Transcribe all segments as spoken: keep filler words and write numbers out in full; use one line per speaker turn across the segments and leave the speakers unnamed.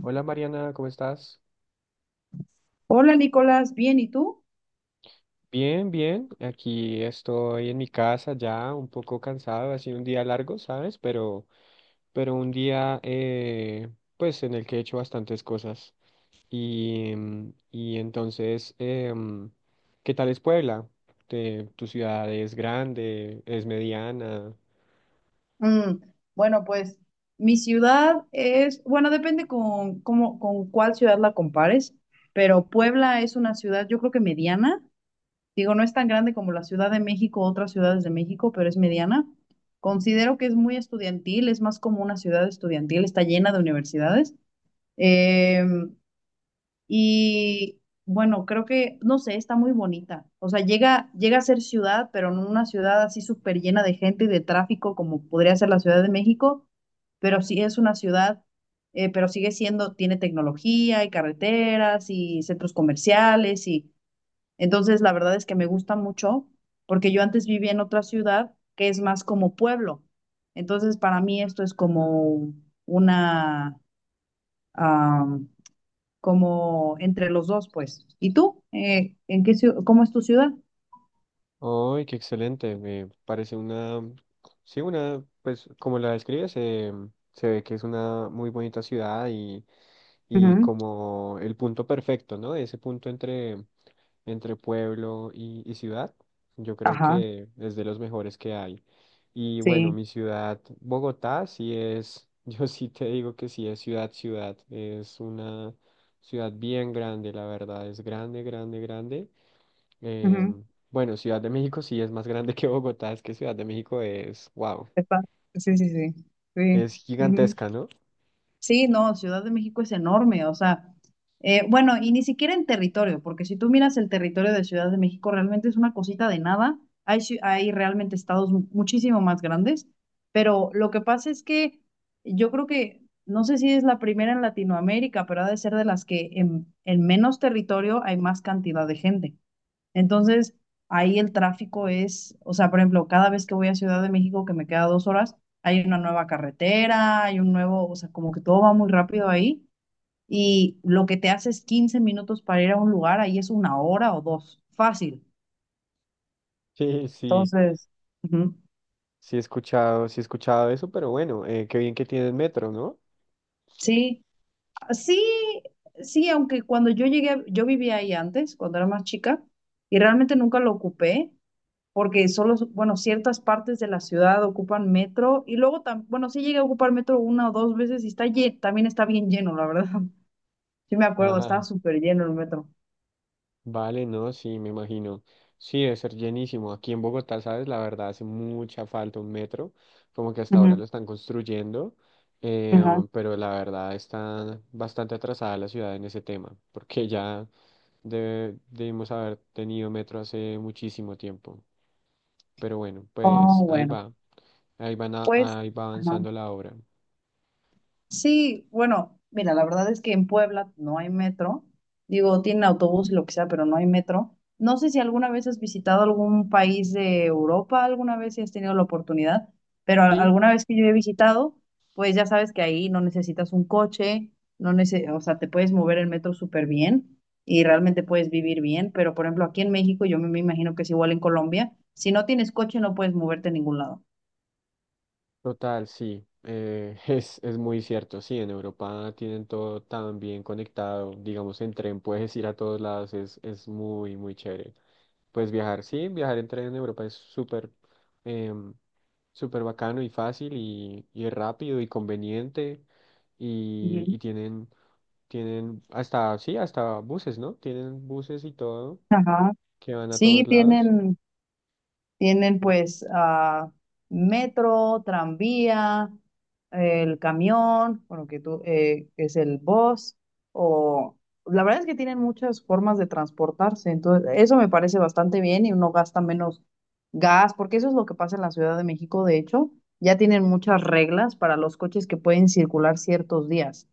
Hola Mariana, ¿cómo estás?
Hola Nicolás, bien, ¿y tú?
Bien, bien. Aquí estoy en mi casa ya, un poco cansado. Ha sido un día largo, ¿sabes? Pero, pero un día, eh, pues, en el que he hecho bastantes cosas. Y, mm, y entonces, em, ¿qué tal es Puebla? Te- ¿Tu ciudad es grande? ¿Es mediana?
Mm, bueno, pues mi ciudad es, bueno, depende con, cómo- con cuál ciudad la compares, pero Puebla es una ciudad, yo creo que mediana. Digo, no es tan grande como la Ciudad de México o otras ciudades de México, pero es mediana. Considero que es muy estudiantil, es más como una ciudad estudiantil, está llena de universidades. Em, Y bueno, creo que, no sé, está muy bonita. O sea, llega, llega a ser ciudad, pero no una ciudad así súper llena de gente y de tráfico como podría ser la Ciudad de México, pero sí es una ciudad, eh, pero sigue siendo, tiene tecnología y carreteras y centros comerciales. Y entonces la verdad es que me gusta mucho porque yo antes vivía en otra ciudad que es más como pueblo. Entonces, para mí esto es como una, como entre los dos, pues. ¿Y tú? Eh, ¿en qué, ciu- cómo es tu ciudad?
¡Ay, qué excelente! Me parece una, sí, una, pues, como la describes, em, se ve que es una muy bonita ciudad y... y
Ujú.
como el punto perfecto, ¿no? Ese punto entre, entre pueblo y, y ciudad, yo creo
Ajá,
que es de los mejores que hay. Y bueno,
sí.
mi ciudad, Bogotá, sí es, yo sí te digo que sí es ciudad, ciudad, es una ciudad bien grande, la verdad, es grande, grande, grande.
Ujú,
Em, bueno, Ciudad de México sí es más grande que Bogotá, es que Ciudad de México es, wow,
epa. Sí, sí, sí.
es
Sí.
gigantesca, ¿no?
Sí, no, Ciudad de México es enorme, o sea, eh, bueno, y ni siquiera en territorio, porque si tú miras el territorio de Ciudad de México, realmente es una cosita de nada. Hay, ci- hay realmente estados mu- muchísimo más grandes, pero lo que pasa es que yo creo que, no sé si es la primera en Latinoamérica, pero ha de ser de las que en, en menos territorio hay más cantidad de gente. Entonces, ahí el tráfico es, o sea, por ejemplo, cada vez que voy a Ciudad de México, que me queda dos horas, hay una nueva carretera, hay un nuevo, o sea, como que todo va muy rápido ahí. Y lo que te hace es quince minutos para ir a un lugar, ahí es una hora o dos, fácil.
Sí, sí.
Entonces, ujú.
Sí he escuchado, sí he escuchado eso, pero bueno, eh, qué bien que tienes metro, ¿no?
Sí, sí, sí, aunque cuando yo llegué, yo vivía ahí antes, cuando era más chica, y realmente nunca lo ocupé, porque solo, bueno, ciertas partes de la ciudad ocupan metro y luego, tam- bueno, sí llegué a ocupar metro una o dos veces y está lle- también está bien lleno, la verdad. Sí me acuerdo, estaba
Ajá,
súper lleno el metro.
vale, no, sí, me imagino. Sí, debe ser llenísimo. Aquí en Bogotá, sabes, la verdad hace mucha falta un metro, como que hasta ahora
Ujú,
lo están construyendo, eh,
ajá.
pero la verdad está bastante atrasada la ciudad en ese tema, porque ya debe- debimos haber tenido metro hace muchísimo tiempo. Pero bueno, pues
Oh,
ahí
bueno,
va, ahí van a-
pues,
ahí va
ajá.
avanzando la obra.
Sí, bueno, mira, la verdad es que en Puebla no hay metro. Digo, tienen autobús y lo que sea, pero no hay metro. No sé si alguna vez has visitado algún país de Europa, alguna vez si has tenido la oportunidad, pero a-
Sí,
alguna vez que yo he visitado, pues ya sabes que ahí no necesitas un coche, no nece- o sea, te puedes mover el metro súper bien y realmente puedes vivir bien, pero por ejemplo, aquí en México, yo me me imagino que es igual en Colombia, si no tienes coche no puedes moverte a ningún lado.
Total, sí, eh, es, es muy cierto, sí, en Europa tienen todo tan bien conectado, digamos en tren puedes ir a todos lados, es, es muy, muy chévere. Pues viajar, sí, viajar en tren en Europa es súper em, súper bacano y fácil y, y rápido y conveniente y,
Ujú.
y tienen, tienen hasta, sí, hasta buses, ¿no? Tienen buses y todo
Ajá.
que van a
Sí,
todos lados.
tienen. Tienen
Sí,
pues ah, metro, tranvía, el camión, bueno, que tú, eh, que es el bus, o la verdad es que tienen muchas formas de transportarse, entonces eso me parece bastante bien y uno gasta menos gas, porque eso es lo que pasa en la Ciudad de México, de hecho, ya tienen muchas reglas para los coches que pueden circular ciertos días,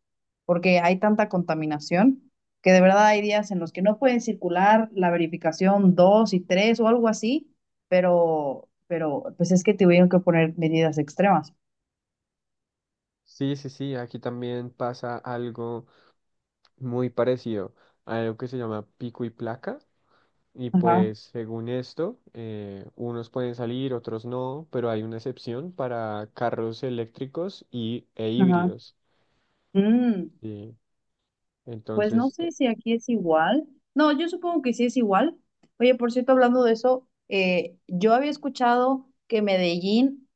porque hay tanta contaminación que de verdad hay días en los que no pueden circular la verificación dos y tres o algo así, pero, pero pues es que tuvieron que poner medidas extremas.
sí, sí, sí, aquí también pasa algo muy parecido a algo que se llama pico y placa. Y
Ajá,
pues según esto, eh, unos pueden salir, otros no, pero hay una excepción para carros eléctricos y, e
ajá.
híbridos.
Mm,
¿Sí?
pues no
Entonces,
sé si aquí es igual. No, yo supongo que sí es igual. Oye, por cierto, hablando de eso, eh, yo había escuchado que Medellín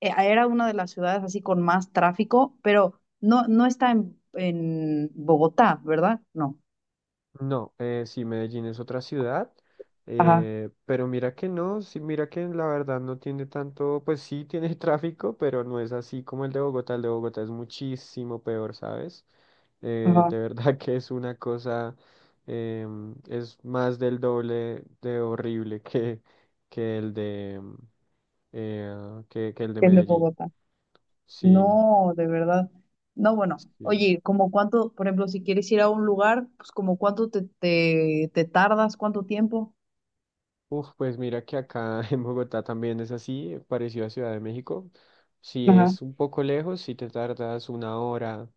eh, era una de las ciudades así con más tráfico, pero no, no está en, en Bogotá, ¿verdad? No.
no, eh, sí, Medellín es otra ciudad,
Ajá,
eh, pero mira que no, sí, mira que la verdad no tiene tanto, pues sí tiene tráfico, pero no es así como el de Bogotá. El de Bogotá es muchísimo peor, ¿sabes? Eh,
ajá,
de verdad que es una cosa, em, es más del doble de horrible que, que el de, em, eh, que, que el de
es de
Medellín.
Bogotá.
Sí,
No, de verdad. No, bueno,
sí.
oye, como cuánto, por ejemplo, si quieres ir a un lugar, pues como cuánto te, te, te tardas, cuánto tiempo.
Uf, pues mira que acá en Bogotá también es así, parecido a Ciudad de México. Si
Ajá.
es un poco lejos, si te tardas una hora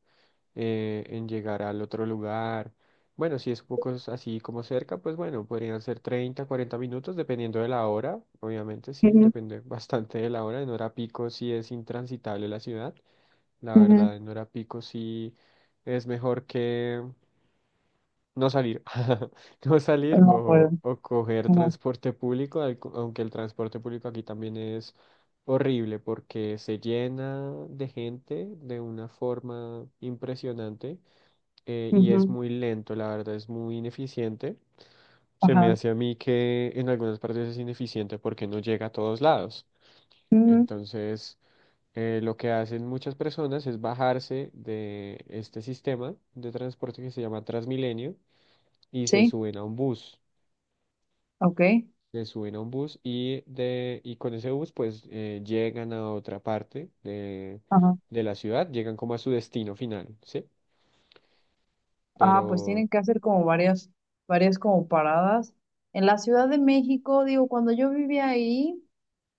eh, en llegar al otro lugar. Bueno, si es un poco s- así como cerca, pues bueno, podrían ser treinta, cuarenta minutos, dependiendo de la hora. Obviamente, sí,
Ujú,
depende bastante de la hora. En hora pico sí es intransitable la ciudad. La
ujú.
verdad, en hora pico sí es mejor que no salir, no salir
No puedo.
o, o coger
Ajá.
transporte público, al- aunque el transporte público aquí también es horrible porque se llena de gente de una forma impresionante, eh, y es
Ujú.
muy lento, la verdad es muy ineficiente. Se me
Ajá.
hace a mí que en algunas partes es ineficiente porque no llega a todos lados.
Ujú.
Entonces, eh, lo que hacen muchas personas es bajarse de este sistema de transporte que se llama Transmilenio y se
Sí,
suben a un bus.
ok.
Se suben a un bus y, de, y con ese bus pues eh, llegan a otra parte de,
Ajá.
de la ciudad, llegan como a su destino final, ¿sí?
Ah, pues
Pero,
tienen que hacer como varias, varias como paradas. En la Ciudad de México, digo, cuando yo vivía ahí.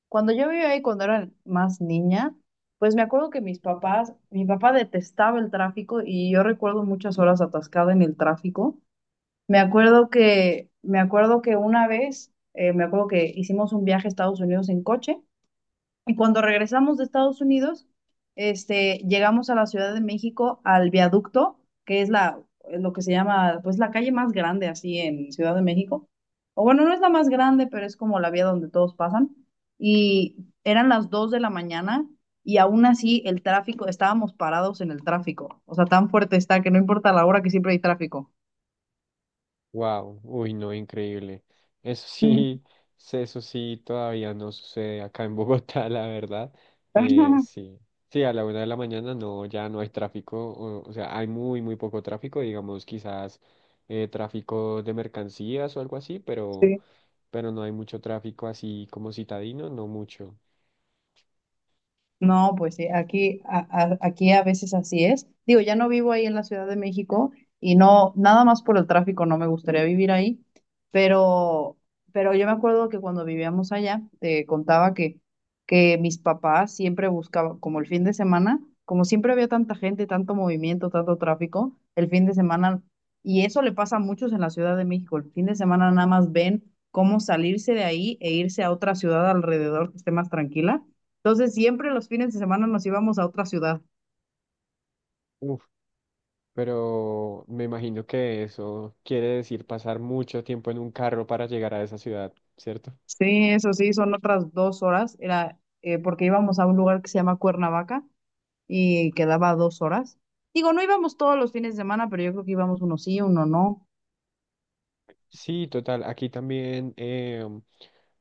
Cuando yo vivía ahí, cuando era más niña, pues me acuerdo que mis papás, mi papá detestaba el tráfico y yo recuerdo muchas horas atascada en el tráfico. Me acuerdo que, me acuerdo que una vez, eh, me acuerdo que hicimos un viaje a Estados Unidos en coche y cuando regresamos de Estados Unidos, este, llegamos a la Ciudad de México, al viaducto, que es la, lo que se llama, pues la calle más grande así en Ciudad de México. O bueno, no es la más grande, pero es como la vía donde todos pasan. Y eran las dos de la mañana y aún así el tráfico, estábamos parados en el tráfico. O sea, tan fuerte está que no importa la hora que siempre hay tráfico.
wow, uy, no, increíble. Eso
Mm.
sí, se- eso sí todavía no sucede acá en Bogotá, la verdad. Eh, sí. Sí, a la una de la mañana no, ya no hay tráfico, o, o sea, hay muy, muy poco tráfico, digamos, quizás eh, tráfico de mercancías o algo así, pero
Sí,
pero no hay mucho tráfico así como citadino, no mucho.
no, pues sí, aquí a, a- aquí a veces así es. Digo, ya no vivo ahí en la Ciudad de México y no, nada más por el tráfico no me gustaría vivir ahí, pero, pero yo me acuerdo que cuando vivíamos allá, te contaba que, que mis papás siempre buscaban, como el fin de semana, como siempre había tanta gente, tanto movimiento, tanto tráfico, el fin de semana, y eso le pasa a muchos en la Ciudad de México, el fin de semana nada más ven cómo salirse de ahí e irse a otra ciudad alrededor que esté más tranquila, entonces siempre los fines de semana nos íbamos a otra ciudad.
Uf, pero me imagino que eso quiere decir pasar mucho tiempo en un carro para llegar a esa ciudad, ¿cierto?
Sí, eso sí, son otras dos horas. Era eh, porque íbamos a un lugar que se llama Cuernavaca y quedaba a dos horas. Digo, no íbamos todos los fines de semana, pero yo creo que íbamos uno sí, uno no.
Sí, total. Aquí también em,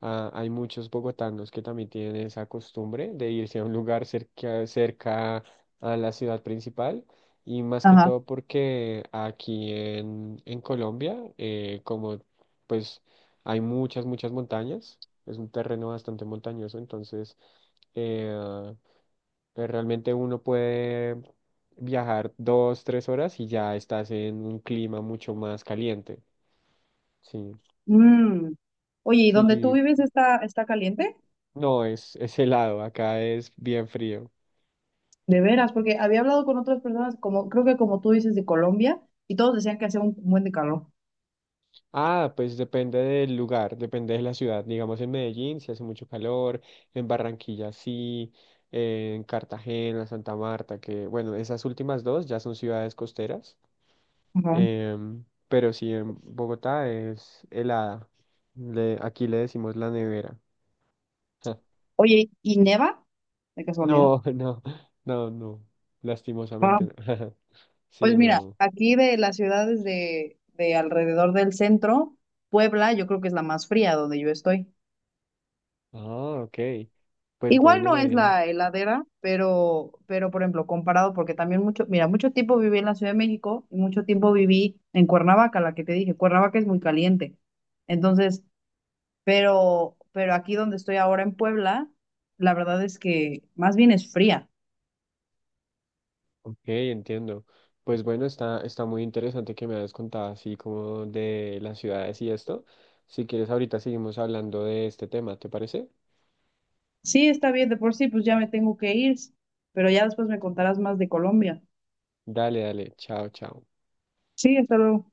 ah, hay muchos bogotanos que también tienen esa costumbre de irse a un lugar cerca, cerca a la ciudad principal y más que
Ajá.
todo porque aquí en, en Colombia, eh, como pues hay muchas, muchas montañas, es un terreno bastante montañoso, entonces eh, eh, realmente uno puede viajar dos, tres horas y ya estás en un clima mucho más caliente. Sí.
Mm. Oye, ¿y
Sí,
donde tú
y
vives está, está caliente?
no, es, es helado, acá es bien frío.
De veras, porque había hablado con otras personas, como creo que como tú dices, de Colombia, y todos decían que hacía un buen de calor.
Ah, pues depende del lugar, depende de la ciudad. Digamos en Medellín si hace mucho calor, en Barranquilla sí, en Cartagena, Santa Marta, que bueno, esas últimas dos ya son ciudades costeras.
Ajá.
em, pero sí, en Bogotá es helada. Le- aquí le decimos la nevera.
Oye, ¿y neva? De casualidad.
No, no, no, no, lastimosamente no.
Pues
Sí,
mira,
no.
aquí de las ciudades de, de alrededor del centro, Puebla, yo creo que es la más fría donde yo estoy.
Ah, ok. Pues
Igual
bueno,
no es
Mariana.
la heladera, pero, pero por ejemplo, comparado, porque también mucho, mira, mucho tiempo viví en la Ciudad de México y mucho tiempo viví en Cuernavaca, la que te dije, Cuernavaca es muy caliente. Entonces, pero, pero aquí donde estoy ahora en Puebla, la verdad es que más bien es fría.
Ok, entiendo. Pues bueno, está, está muy interesante que me hayas contado así como de las ciudades y esto. Si quieres, ahorita seguimos hablando de este tema, ¿te parece?
Sí, está bien, de por sí, pues ya me tengo que ir, pero ya después me contarás más de Colombia.
Dale, dale, chao, chao.
Sí, hasta luego.